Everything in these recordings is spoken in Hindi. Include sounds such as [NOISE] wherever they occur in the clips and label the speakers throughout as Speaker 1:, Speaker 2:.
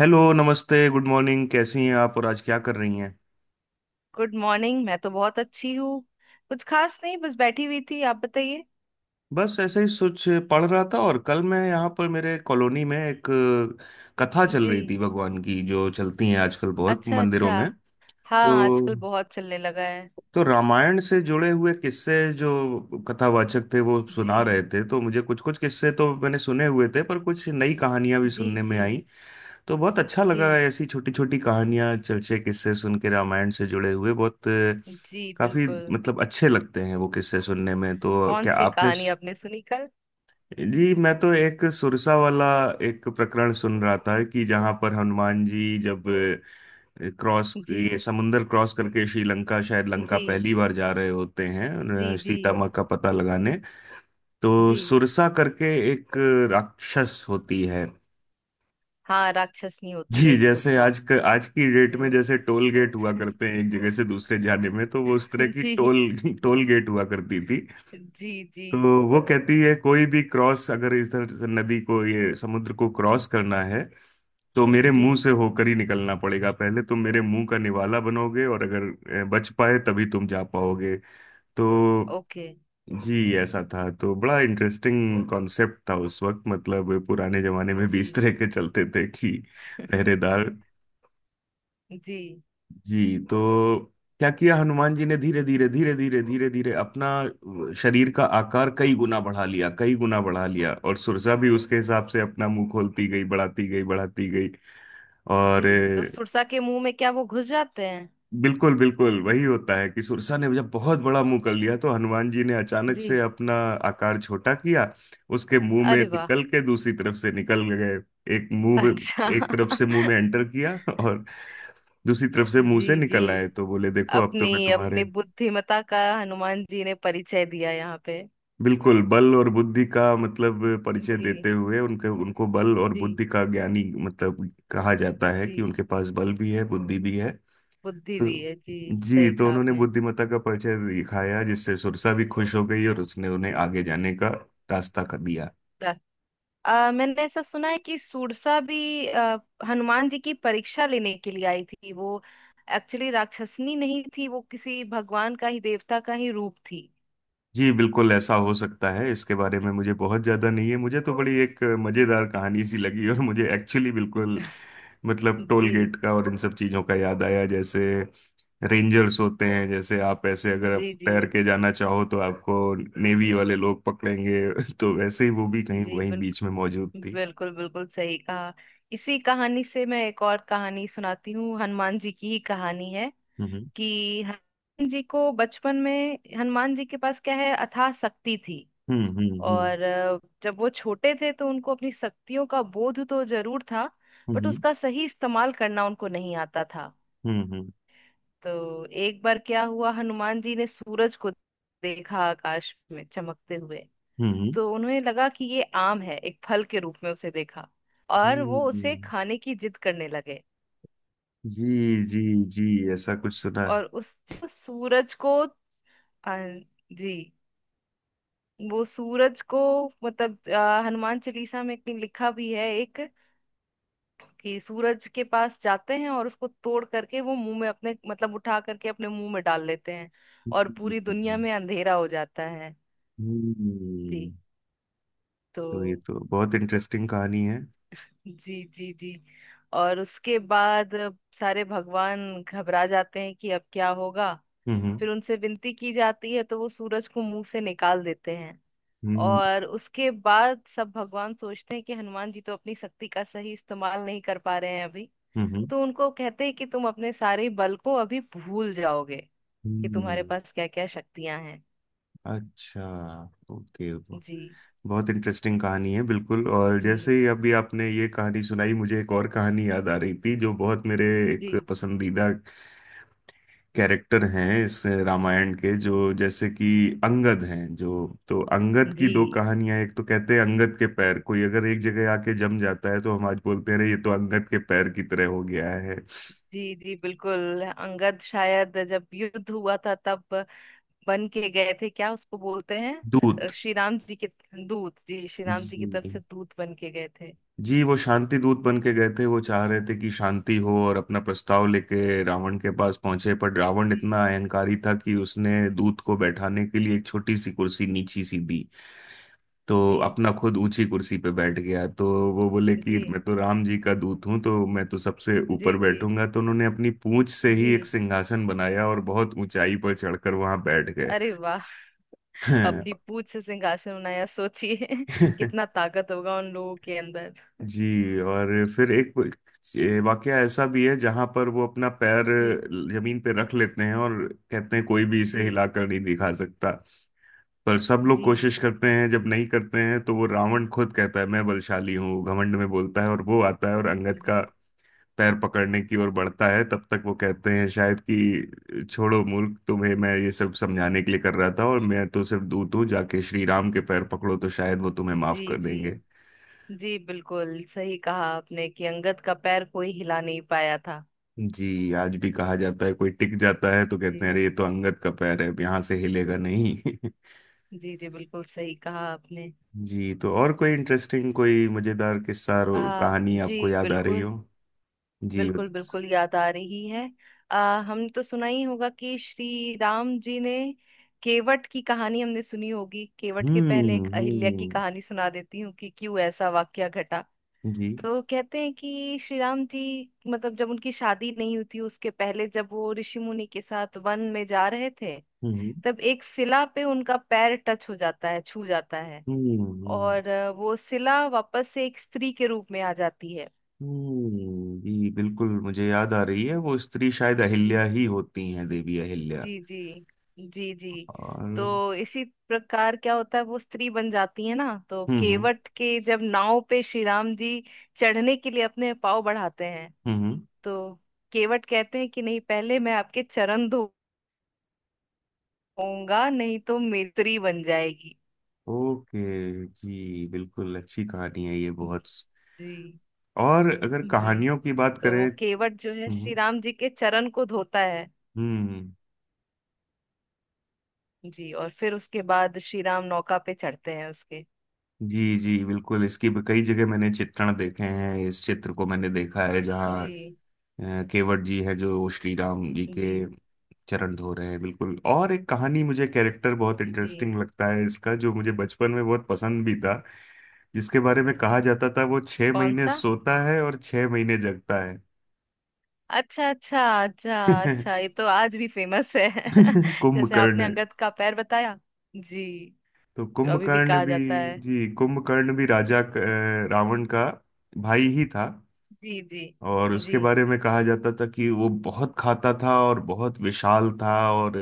Speaker 1: हेलो नमस्ते गुड मॉर्निंग। कैसी हैं आप और आज क्या कर रही हैं?
Speaker 2: गुड मॉर्निंग, मैं तो बहुत अच्छी हूँ। कुछ खास नहीं, बस बैठी हुई थी, आप बताइए।
Speaker 1: बस ऐसे ही सोच पढ़ रहा था, और कल मैं यहाँ पर मेरे कॉलोनी में एक कथा चल
Speaker 2: जी,
Speaker 1: रही थी भगवान की, जो चलती हैं आजकल बहुत
Speaker 2: अच्छा
Speaker 1: मंदिरों
Speaker 2: अच्छा।
Speaker 1: में।
Speaker 2: हाँ,
Speaker 1: तो
Speaker 2: आजकल बहुत चलने लगा है।
Speaker 1: तो रामायण से जुड़े हुए किस्से जो कथावाचक थे वो
Speaker 2: जी
Speaker 1: सुना रहे थे, तो मुझे कुछ कुछ किस्से तो मैंने सुने हुए थे, पर कुछ नई कहानियां भी
Speaker 2: जी।
Speaker 1: सुनने में
Speaker 2: जी
Speaker 1: आई। तो बहुत अच्छा
Speaker 2: जी।
Speaker 1: लगा है ऐसी छोटी छोटी कहानियां चलचे किस्से सुन के रामायण से जुड़े हुए। बहुत
Speaker 2: जी,
Speaker 1: काफी
Speaker 2: बिल्कुल।
Speaker 1: मतलब अच्छे लगते हैं वो किस्से सुनने में। तो
Speaker 2: कौन
Speaker 1: क्या
Speaker 2: सी
Speaker 1: आपने
Speaker 2: कहानी आपने सुनी कल?
Speaker 1: जी, मैं तो एक सुरसा वाला एक प्रकरण सुन रहा था, कि जहां पर हनुमान जी जब अ, क्रॉस
Speaker 2: जी।
Speaker 1: ये समुंदर क्रॉस करके श्रीलंका शायद लंका
Speaker 2: जी
Speaker 1: पहली बार जा रहे होते हैं
Speaker 2: जी जी
Speaker 1: सीता माँ का पता लगाने। तो
Speaker 2: जी
Speaker 1: सुरसा करके एक राक्षस होती है।
Speaker 2: हाँ राक्षसनी होती है
Speaker 1: जी,
Speaker 2: एक
Speaker 1: जैसे
Speaker 2: सुरसा
Speaker 1: आज आज की डेट में
Speaker 2: जी
Speaker 1: जैसे टोल गेट हुआ
Speaker 2: [LAUGHS]
Speaker 1: करते हैं एक जगह से दूसरे जाने में, तो वो उस तरह की
Speaker 2: जी
Speaker 1: टोल [LAUGHS] टोल गेट हुआ करती थी।
Speaker 2: जी। जी
Speaker 1: तो वो कहती है कोई भी क्रॉस अगर इधर से नदी को ये समुद्र को क्रॉस करना है, तो मेरे
Speaker 2: जी।
Speaker 1: मुंह से होकर ही निकलना पड़ेगा। पहले तुम मेरे मुंह का निवाला बनोगे, और अगर बच पाए तभी तुम जा पाओगे। तो
Speaker 2: ओके।
Speaker 1: जी ऐसा था। तो बड़ा इंटरेस्टिंग कॉन्सेप्ट था उस वक्त, मतलब पुराने जमाने में भी
Speaker 2: जी।
Speaker 1: इस तरह के चलते थे कि
Speaker 2: [LAUGHS]
Speaker 1: पहरेदार।
Speaker 2: जी
Speaker 1: जी तो क्या किया हनुमान जी ने, धीरे धीरे धीरे धीरे धीरे धीरे अपना शरीर का आकार कई गुना बढ़ा लिया, कई गुना बढ़ा लिया, और सुरसा भी उसके हिसाब से अपना मुंह खोलती गई, बढ़ाती गई बढ़ाती गई।
Speaker 2: जी
Speaker 1: और
Speaker 2: तो सुरसा के मुंह में क्या वो घुस जाते हैं?
Speaker 1: बिल्कुल बिल्कुल वही होता है, कि सुरसा ने जब बहुत बड़ा मुंह कर लिया, तो हनुमान जी ने अचानक से
Speaker 2: जी।
Speaker 1: अपना आकार छोटा किया, उसके मुंह में
Speaker 2: अरे वाह!
Speaker 1: निकल के दूसरी तरफ से निकल गए। एक मुंह में
Speaker 2: अच्छा।
Speaker 1: एक तरफ से
Speaker 2: [LAUGHS]
Speaker 1: मुंह में एंटर किया, और दूसरी तरफ से मुंह से
Speaker 2: जी जी।
Speaker 1: निकल आए। तो बोले देखो अब तो मैं
Speaker 2: अपनी
Speaker 1: तुम्हारे।
Speaker 2: अपनी बुद्धिमता का हनुमान जी ने परिचय दिया यहाँ पे।
Speaker 1: बिल्कुल, बल और बुद्धि का मतलब परिचय देते
Speaker 2: जी
Speaker 1: हुए उनके उनको बल और
Speaker 2: जी
Speaker 1: बुद्धि का ज्ञानी, मतलब कहा जाता है कि
Speaker 2: जी।
Speaker 1: उनके पास बल भी है बुद्धि भी है।
Speaker 2: बुद्धि
Speaker 1: तो
Speaker 2: भी है जी।
Speaker 1: जी,
Speaker 2: सही
Speaker 1: तो
Speaker 2: कहा
Speaker 1: उन्होंने
Speaker 2: आपने।
Speaker 1: बुद्धिमत्ता का परिचय दिखाया, जिससे सुरसा भी खुश हो गई और उसने उन्हें आगे जाने का रास्ता कर दिया।
Speaker 2: रा- मैंने ऐसा सुना है कि सुरसा भी हनुमान जी की परीक्षा लेने के लिए आई थी। वो एक्चुअली राक्षसनी नहीं थी, वो किसी भगवान का ही, देवता का ही रूप थी।
Speaker 1: जी बिल्कुल, ऐसा हो सकता है, इसके बारे में मुझे बहुत ज्यादा नहीं है। मुझे तो बड़ी एक मजेदार कहानी सी लगी, और मुझे एक्चुअली बिल्कुल मतलब टोल
Speaker 2: जी
Speaker 1: गेट का और इन सब चीजों का याद आया। जैसे रेंजर्स होते हैं, जैसे आप ऐसे, अगर आप
Speaker 2: जी। जी
Speaker 1: तैर के जाना चाहो तो आपको नेवी वाले लोग पकड़ेंगे [LAUGHS] तो वैसे ही वो भी कहीं
Speaker 2: जी,
Speaker 1: वहीं बीच में
Speaker 2: बिल्कुल।
Speaker 1: मौजूद थी।
Speaker 2: बिल्कुल बिल्कुल सही कहा। इसी कहानी से मैं एक और कहानी सुनाती हूँ, हनुमान जी की ही कहानी है,
Speaker 1: हम्म,
Speaker 2: कि हनुमान जी को बचपन में, हनुमान जी के पास क्या है, अथाह शक्ति थी।
Speaker 1: हम्म, हम्म, हम्म,
Speaker 2: और जब वो छोटे थे तो उनको अपनी शक्तियों का बोध तो जरूर था, बट
Speaker 1: हम्म,
Speaker 2: उसका सही इस्तेमाल करना उनको नहीं आता था।
Speaker 1: हम्म, हम्म,
Speaker 2: तो एक बार क्या हुआ, हनुमान जी ने सूरज को देखा आकाश में चमकते हुए।
Speaker 1: हम्म,
Speaker 2: तो उन्हें लगा कि ये आम है, एक फल के रूप में उसे देखा, और वो उसे
Speaker 1: हम्म,
Speaker 2: खाने की जिद करने लगे।
Speaker 1: जी, जी, जी, ऐसा कुछ सुना है।
Speaker 2: और उस सूरज को, आ, जी, वो सूरज को, मतलब हनुमान चालीसा में कहीं लिखा भी है एक, कि सूरज के पास जाते हैं और उसको तोड़ करके वो मुंह में अपने, मतलब उठा करके अपने मुंह में डाल लेते हैं, और पूरी दुनिया
Speaker 1: हम्म,
Speaker 2: में अंधेरा हो जाता है।
Speaker 1: हम्म,
Speaker 2: जी,
Speaker 1: तो ये
Speaker 2: तो,
Speaker 1: तो बहुत इंटरेस्टिंग कहानी है।
Speaker 2: जी जी जी, और उसके बाद सारे भगवान घबरा जाते हैं कि अब क्या होगा।
Speaker 1: हम्म,
Speaker 2: फिर उनसे विनती की जाती है तो वो सूरज को मुंह से निकाल देते हैं।
Speaker 1: हम्म,
Speaker 2: और उसके बाद सब भगवान सोचते हैं कि हनुमान जी तो अपनी शक्ति का सही इस्तेमाल नहीं कर पा रहे हैं अभी।
Speaker 1: हम्म,
Speaker 2: तो उनको कहते हैं कि तुम अपने सारे बल को अभी भूल जाओगे, कि तुम्हारे
Speaker 1: हम्म,
Speaker 2: पास क्या क्या शक्तियां हैं।
Speaker 1: अच्छा, ओके, तो
Speaker 2: जी
Speaker 1: बहुत इंटरेस्टिंग कहानी है बिल्कुल। और जैसे
Speaker 2: जी
Speaker 1: ही अभी आपने ये कहानी सुनाई, मुझे एक और कहानी याद आ रही थी, जो बहुत मेरे एक
Speaker 2: जी
Speaker 1: पसंदीदा कैरेक्टर हैं इस रामायण के, जो जैसे कि अंगद हैं जो। तो अंगद की
Speaker 2: जी।
Speaker 1: दो कहानियां, एक तो कहते हैं अंगद के पैर कोई अगर एक जगह आके जम जाता है, तो हम आज बोलते हैं "अरे, ये तो अंगद के पैर की तरह हो गया है।"
Speaker 2: जी जी, बिल्कुल। अंगद शायद जब युद्ध हुआ था तब बन के गए थे, क्या उसको बोलते
Speaker 1: दूत।
Speaker 2: हैं, श्री राम जी के दूत। जी, श्री राम जी की
Speaker 1: जी,
Speaker 2: तरफ से दूत बन के गए थे।
Speaker 1: जी, वो शांति दूत बन के गए थे। वो चाह रहे थे कि शांति हो, और अपना प्रस्ताव लेके रावण के पास पहुंचे, पर रावण
Speaker 2: जी
Speaker 1: इतना अहंकारी था कि उसने दूत को बैठाने के लिए एक छोटी सी कुर्सी नीची सी दी। तो
Speaker 2: जी
Speaker 1: अपना खुद ऊंची कुर्सी पे बैठ गया, तो वो बोले कि मैं
Speaker 2: जी
Speaker 1: तो राम जी का दूत हूँ, तो मैं तो सबसे
Speaker 2: जी
Speaker 1: ऊपर
Speaker 2: जी
Speaker 1: बैठूंगा। तो उन्होंने अपनी पूंछ से ही
Speaker 2: जी।
Speaker 1: एक सिंहासन बनाया, और बहुत ऊंचाई पर चढ़कर वहां बैठ गए।
Speaker 2: अरे वाह!
Speaker 1: हैं।
Speaker 2: अपनी पूंछ से सिंहासन बनाया, सोचिए [LAUGHS] कितना ताकत होगा उन लोगों के अंदर।
Speaker 1: [LAUGHS]
Speaker 2: [LAUGHS]
Speaker 1: जी, और फिर एक ये वाकया ऐसा भी है, जहां पर वो अपना पैर
Speaker 2: जी
Speaker 1: जमीन पे रख लेते हैं, और कहते हैं कोई भी इसे
Speaker 2: जी
Speaker 1: हिलाकर नहीं दिखा सकता। पर सब लोग
Speaker 2: जी
Speaker 1: कोशिश करते हैं, जब नहीं करते हैं, तो वो रावण खुद कहता है मैं बलशाली हूँ, घमंड में बोलता है, और वो आता है और अंगद का
Speaker 2: जी
Speaker 1: पैर पकड़ने की ओर बढ़ता है। तब तक वो कहते हैं शायद कि छोड़ो मूर्ख, तुम्हें मैं ये सब समझाने के लिए कर रहा था, और मैं तो सिर्फ दूत हूँ। जाके श्री राम के पैर पकड़ो, तो शायद वो तुम्हें माफ
Speaker 2: जी
Speaker 1: कर
Speaker 2: जी
Speaker 1: देंगे।
Speaker 2: जी, बिल्कुल सही कहा आपने कि अंगद का पैर कोई हिला नहीं पाया था।
Speaker 1: जी, आज भी कहा जाता है कोई टिक जाता है तो
Speaker 2: जी
Speaker 1: कहते हैं अरे, ये तो अंगद का पैर है, अब यहाँ से हिलेगा नहीं। [LAUGHS]
Speaker 2: जी जी, बिल्कुल सही कहा आपने।
Speaker 1: जी, तो और कोई इंटरेस्टिंग, कोई मजेदार किस्सा कहानी
Speaker 2: जी,
Speaker 1: आपको याद आ रही हो?
Speaker 2: बिल्कुल।
Speaker 1: जी, हम्म,
Speaker 2: बिल्कुल बिल्कुल याद आ रही है। हमने तो सुना ही होगा कि श्री राम जी ने, केवट की कहानी हमने सुनी होगी, केवट के पहले एक अहिल्या की
Speaker 1: हम्म,
Speaker 2: कहानी सुना देती हूँ कि क्यों ऐसा वाकया घटा।
Speaker 1: जी,
Speaker 2: तो कहते हैं कि श्री राम जी, मतलब जब उनकी शादी नहीं हुई थी उसके पहले, जब वो ऋषि मुनि के साथ वन में जा रहे थे,
Speaker 1: हम्म,
Speaker 2: तब एक शिला पे उनका पैर टच हो जाता है, छू जाता है।
Speaker 1: हम्म, हम्म,
Speaker 2: और वो शिला वापस से एक स्त्री के रूप में आ जाती
Speaker 1: जी बिल्कुल मुझे याद आ रही है, वो स्त्री शायद
Speaker 2: है।
Speaker 1: अहिल्या ही होती हैं, देवी अहिल्या।
Speaker 2: जी जी। जी जी।
Speaker 1: और
Speaker 2: तो
Speaker 1: हम्म,
Speaker 2: इसी प्रकार क्या होता है, वो स्त्री बन जाती है ना, तो
Speaker 1: हम्म,
Speaker 2: केवट के जब नाव पे श्री राम जी चढ़ने के लिए अपने पाँव बढ़ाते हैं,
Speaker 1: हम्म,
Speaker 2: तो केवट कहते हैं कि नहीं, पहले मैं आपके चरण धोऊंगा, नहीं तो मेरी स्त्री बन जाएगी।
Speaker 1: ओके, जी बिल्कुल, अच्छी कहानी है ये बहुत।
Speaker 2: जी।
Speaker 1: और अगर
Speaker 2: जी,
Speaker 1: कहानियों की बात
Speaker 2: तो
Speaker 1: करें,
Speaker 2: वो केवट जो है श्री
Speaker 1: हम्म,
Speaker 2: राम जी के चरण को धोता है।
Speaker 1: हम्म,
Speaker 2: जी, और फिर उसके बाद श्री राम नौका पे चढ़ते हैं उसके।
Speaker 1: जी जी, बिल्कुल इसकी भी कई जगह मैंने चित्रण देखे हैं, इस चित्र को मैंने देखा है, जहाँ
Speaker 2: जी
Speaker 1: केवट जी है जो श्री राम जी
Speaker 2: जी।
Speaker 1: के चरण धो रहे हैं, बिल्कुल। और एक कहानी मुझे, कैरेक्टर बहुत
Speaker 2: जी।
Speaker 1: इंटरेस्टिंग लगता है इसका, जो मुझे बचपन में बहुत पसंद भी था, जिसके बारे में कहा जाता था वो छह
Speaker 2: कौन
Speaker 1: महीने
Speaker 2: सा?
Speaker 1: सोता है और 6 महीने जगता है।
Speaker 2: अच्छा अच्छा अच्छा अच्छा, ये
Speaker 1: [LAUGHS]
Speaker 2: तो आज भी फेमस है। [LAUGHS] जैसे आपने
Speaker 1: कुंभकर्ण।
Speaker 2: अंगद का पैर बताया। जी।
Speaker 1: तो
Speaker 2: अभी भी
Speaker 1: कुंभकर्ण
Speaker 2: कहा
Speaker 1: भी,
Speaker 2: जाता है।
Speaker 1: जी, कुंभकर्ण भी राजा रावण का भाई ही था।
Speaker 2: जी जी।
Speaker 1: और उसके
Speaker 2: जी
Speaker 1: बारे में कहा जाता था कि वो बहुत खाता था और बहुत विशाल था, और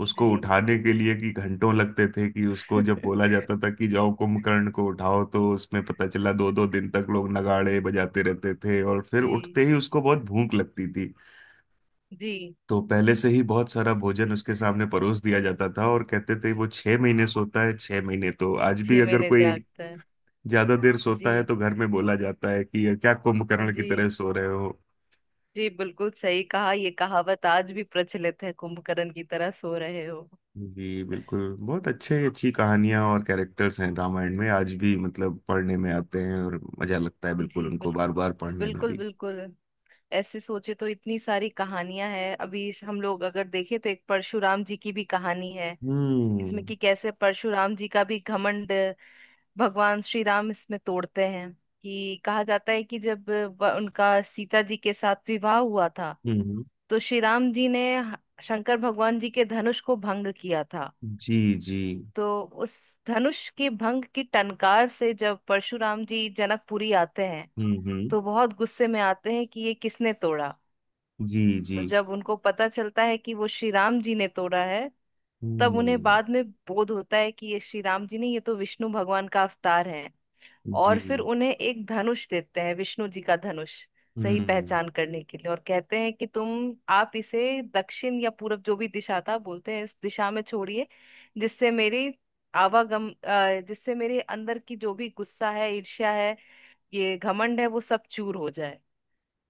Speaker 1: उसको उठाने के लिए कि घंटों लगते थे, कि उसको
Speaker 2: [LAUGHS]
Speaker 1: जब बोला जाता था कि जाओ कुंभकर्ण को उठाओ, तो उसमें पता चला दो दो दिन तक लोग नगाड़े बजाते रहते थे, और फिर
Speaker 2: जी
Speaker 1: उठते ही उसको बहुत भूख लगती थी।
Speaker 2: जी।
Speaker 1: तो पहले से ही बहुत सारा भोजन उसके सामने परोस दिया जाता था। और कहते थे वो 6 महीने सोता है 6 महीने, तो आज भी
Speaker 2: छह
Speaker 1: अगर
Speaker 2: महीने
Speaker 1: कोई
Speaker 2: जागता है।
Speaker 1: ज्यादा देर सोता है
Speaker 2: जी
Speaker 1: तो घर में बोला जाता है कि क्या कुंभकर्ण की
Speaker 2: जी।
Speaker 1: तरह सो रहे हो।
Speaker 2: जी, बिल्कुल सही कहा, ये कहावत आज भी प्रचलित है, कुंभकर्ण की तरह सो रहे हो।
Speaker 1: जी बिल्कुल, बहुत अच्छे अच्छी कहानियां और कैरेक्टर्स हैं रामायण में, आज भी मतलब पढ़ने में आते हैं और मजा लगता है बिल्कुल,
Speaker 2: जी,
Speaker 1: उनको
Speaker 2: बिल्कुल।
Speaker 1: बार बार पढ़ने में
Speaker 2: बिल्कुल
Speaker 1: भी।
Speaker 2: बिल्कुल। ऐसे सोचे तो इतनी सारी कहानियां हैं, अभी हम लोग अगर देखें तो एक परशुराम जी की भी कहानी है इसमें,
Speaker 1: हम्म,
Speaker 2: कि कैसे परशुराम जी का भी घमंड भगवान श्री राम इसमें तोड़ते हैं। कि कहा जाता है कि जब उनका सीता जी के साथ विवाह हुआ था,
Speaker 1: हम्म,
Speaker 2: तो श्री राम जी ने शंकर भगवान जी के धनुष को भंग किया था।
Speaker 1: जी, जी,
Speaker 2: तो उस धनुष के भंग की टनकार से जब परशुराम जी जनकपुरी आते हैं,
Speaker 1: हम्म, हम्म,
Speaker 2: तो बहुत गुस्से में आते हैं कि ये किसने तोड़ा।
Speaker 1: जी, जी,
Speaker 2: तो जब उनको पता चलता है कि वो श्री राम जी ने तोड़ा है, तब उन्हें
Speaker 1: हम्म,
Speaker 2: बाद में बोध होता है कि ये श्री राम जी नहीं, ये तो विष्णु भगवान का अवतार है।
Speaker 1: जी,
Speaker 2: और फिर उन्हें एक धनुष देते हैं, विष्णु जी का धनुष, सही
Speaker 1: हम्म,
Speaker 2: पहचान करने के लिए। और कहते हैं कि तुम, आप इसे दक्षिण या पूरब, जो भी दिशा था बोलते हैं, इस दिशा में छोड़िए, जिससे मेरी आवागम, जिससे मेरे अंदर की जो भी गुस्सा है, ईर्ष्या है, ये घमंड है, वो सब चूर हो जाए।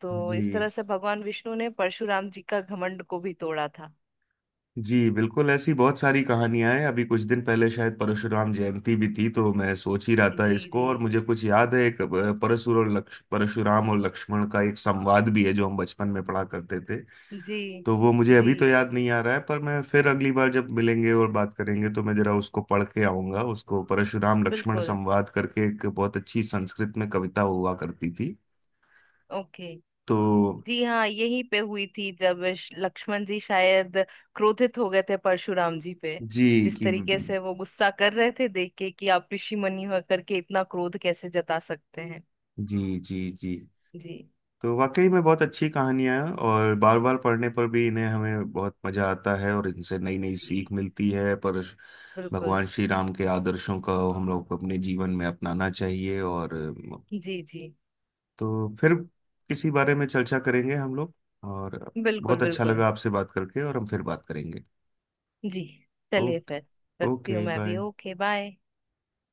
Speaker 2: तो इस
Speaker 1: जी,
Speaker 2: तरह से भगवान विष्णु ने परशुराम जी का घमंड को भी तोड़ा था।
Speaker 1: जी बिल्कुल, ऐसी बहुत सारी कहानियां हैं। अभी कुछ दिन पहले शायद परशुराम जयंती भी थी, तो मैं सोच ही रहा
Speaker 2: जी
Speaker 1: था इसको,
Speaker 2: जी
Speaker 1: और मुझे कुछ याद है एक परशुराम और लक्ष्मण का एक संवाद भी है, जो हम बचपन में पढ़ा करते थे।
Speaker 2: जी।
Speaker 1: तो वो मुझे
Speaker 2: जी,
Speaker 1: अभी तो याद नहीं आ रहा है, पर मैं फिर अगली बार जब मिलेंगे और बात करेंगे तो मैं जरा उसको पढ़ के आऊंगा उसको, परशुराम लक्ष्मण
Speaker 2: बिल्कुल।
Speaker 1: संवाद करके एक बहुत अच्छी संस्कृत में कविता हुआ करती थी।
Speaker 2: ओके।
Speaker 1: तो
Speaker 2: जी हाँ, यहीं पे हुई थी, जब लक्ष्मण जी शायद क्रोधित हो गए थे परशुराम जी पे,
Speaker 1: जी,
Speaker 2: जिस
Speaker 1: कि
Speaker 2: तरीके से वो गुस्सा कर रहे थे, देख के कि आप ऋषि मुनि होकर के इतना क्रोध कैसे जता सकते हैं।
Speaker 1: जी, जी, जी,
Speaker 2: जी।
Speaker 1: तो वाकई में बहुत अच्छी कहानियां हैं, और बार बार पढ़ने पर भी इन्हें हमें बहुत मजा आता है, और इनसे नई नई
Speaker 2: जी,
Speaker 1: सीख मिलती है। पर
Speaker 2: बिल्कुल।
Speaker 1: भगवान श्री राम के आदर्शों का हम लोग को अपने जीवन में अपनाना चाहिए। और
Speaker 2: जी जी।
Speaker 1: तो फिर किसी बारे में चर्चा करेंगे हम लोग। और
Speaker 2: बिल्कुल
Speaker 1: बहुत अच्छा
Speaker 2: बिल्कुल।
Speaker 1: लगा आपसे बात करके, और हम फिर बात करेंगे।
Speaker 2: जी, चलिए फिर,
Speaker 1: ओके।
Speaker 2: रखती हूँ
Speaker 1: ओके
Speaker 2: मैं भी।
Speaker 1: बाय।
Speaker 2: Okay, bye.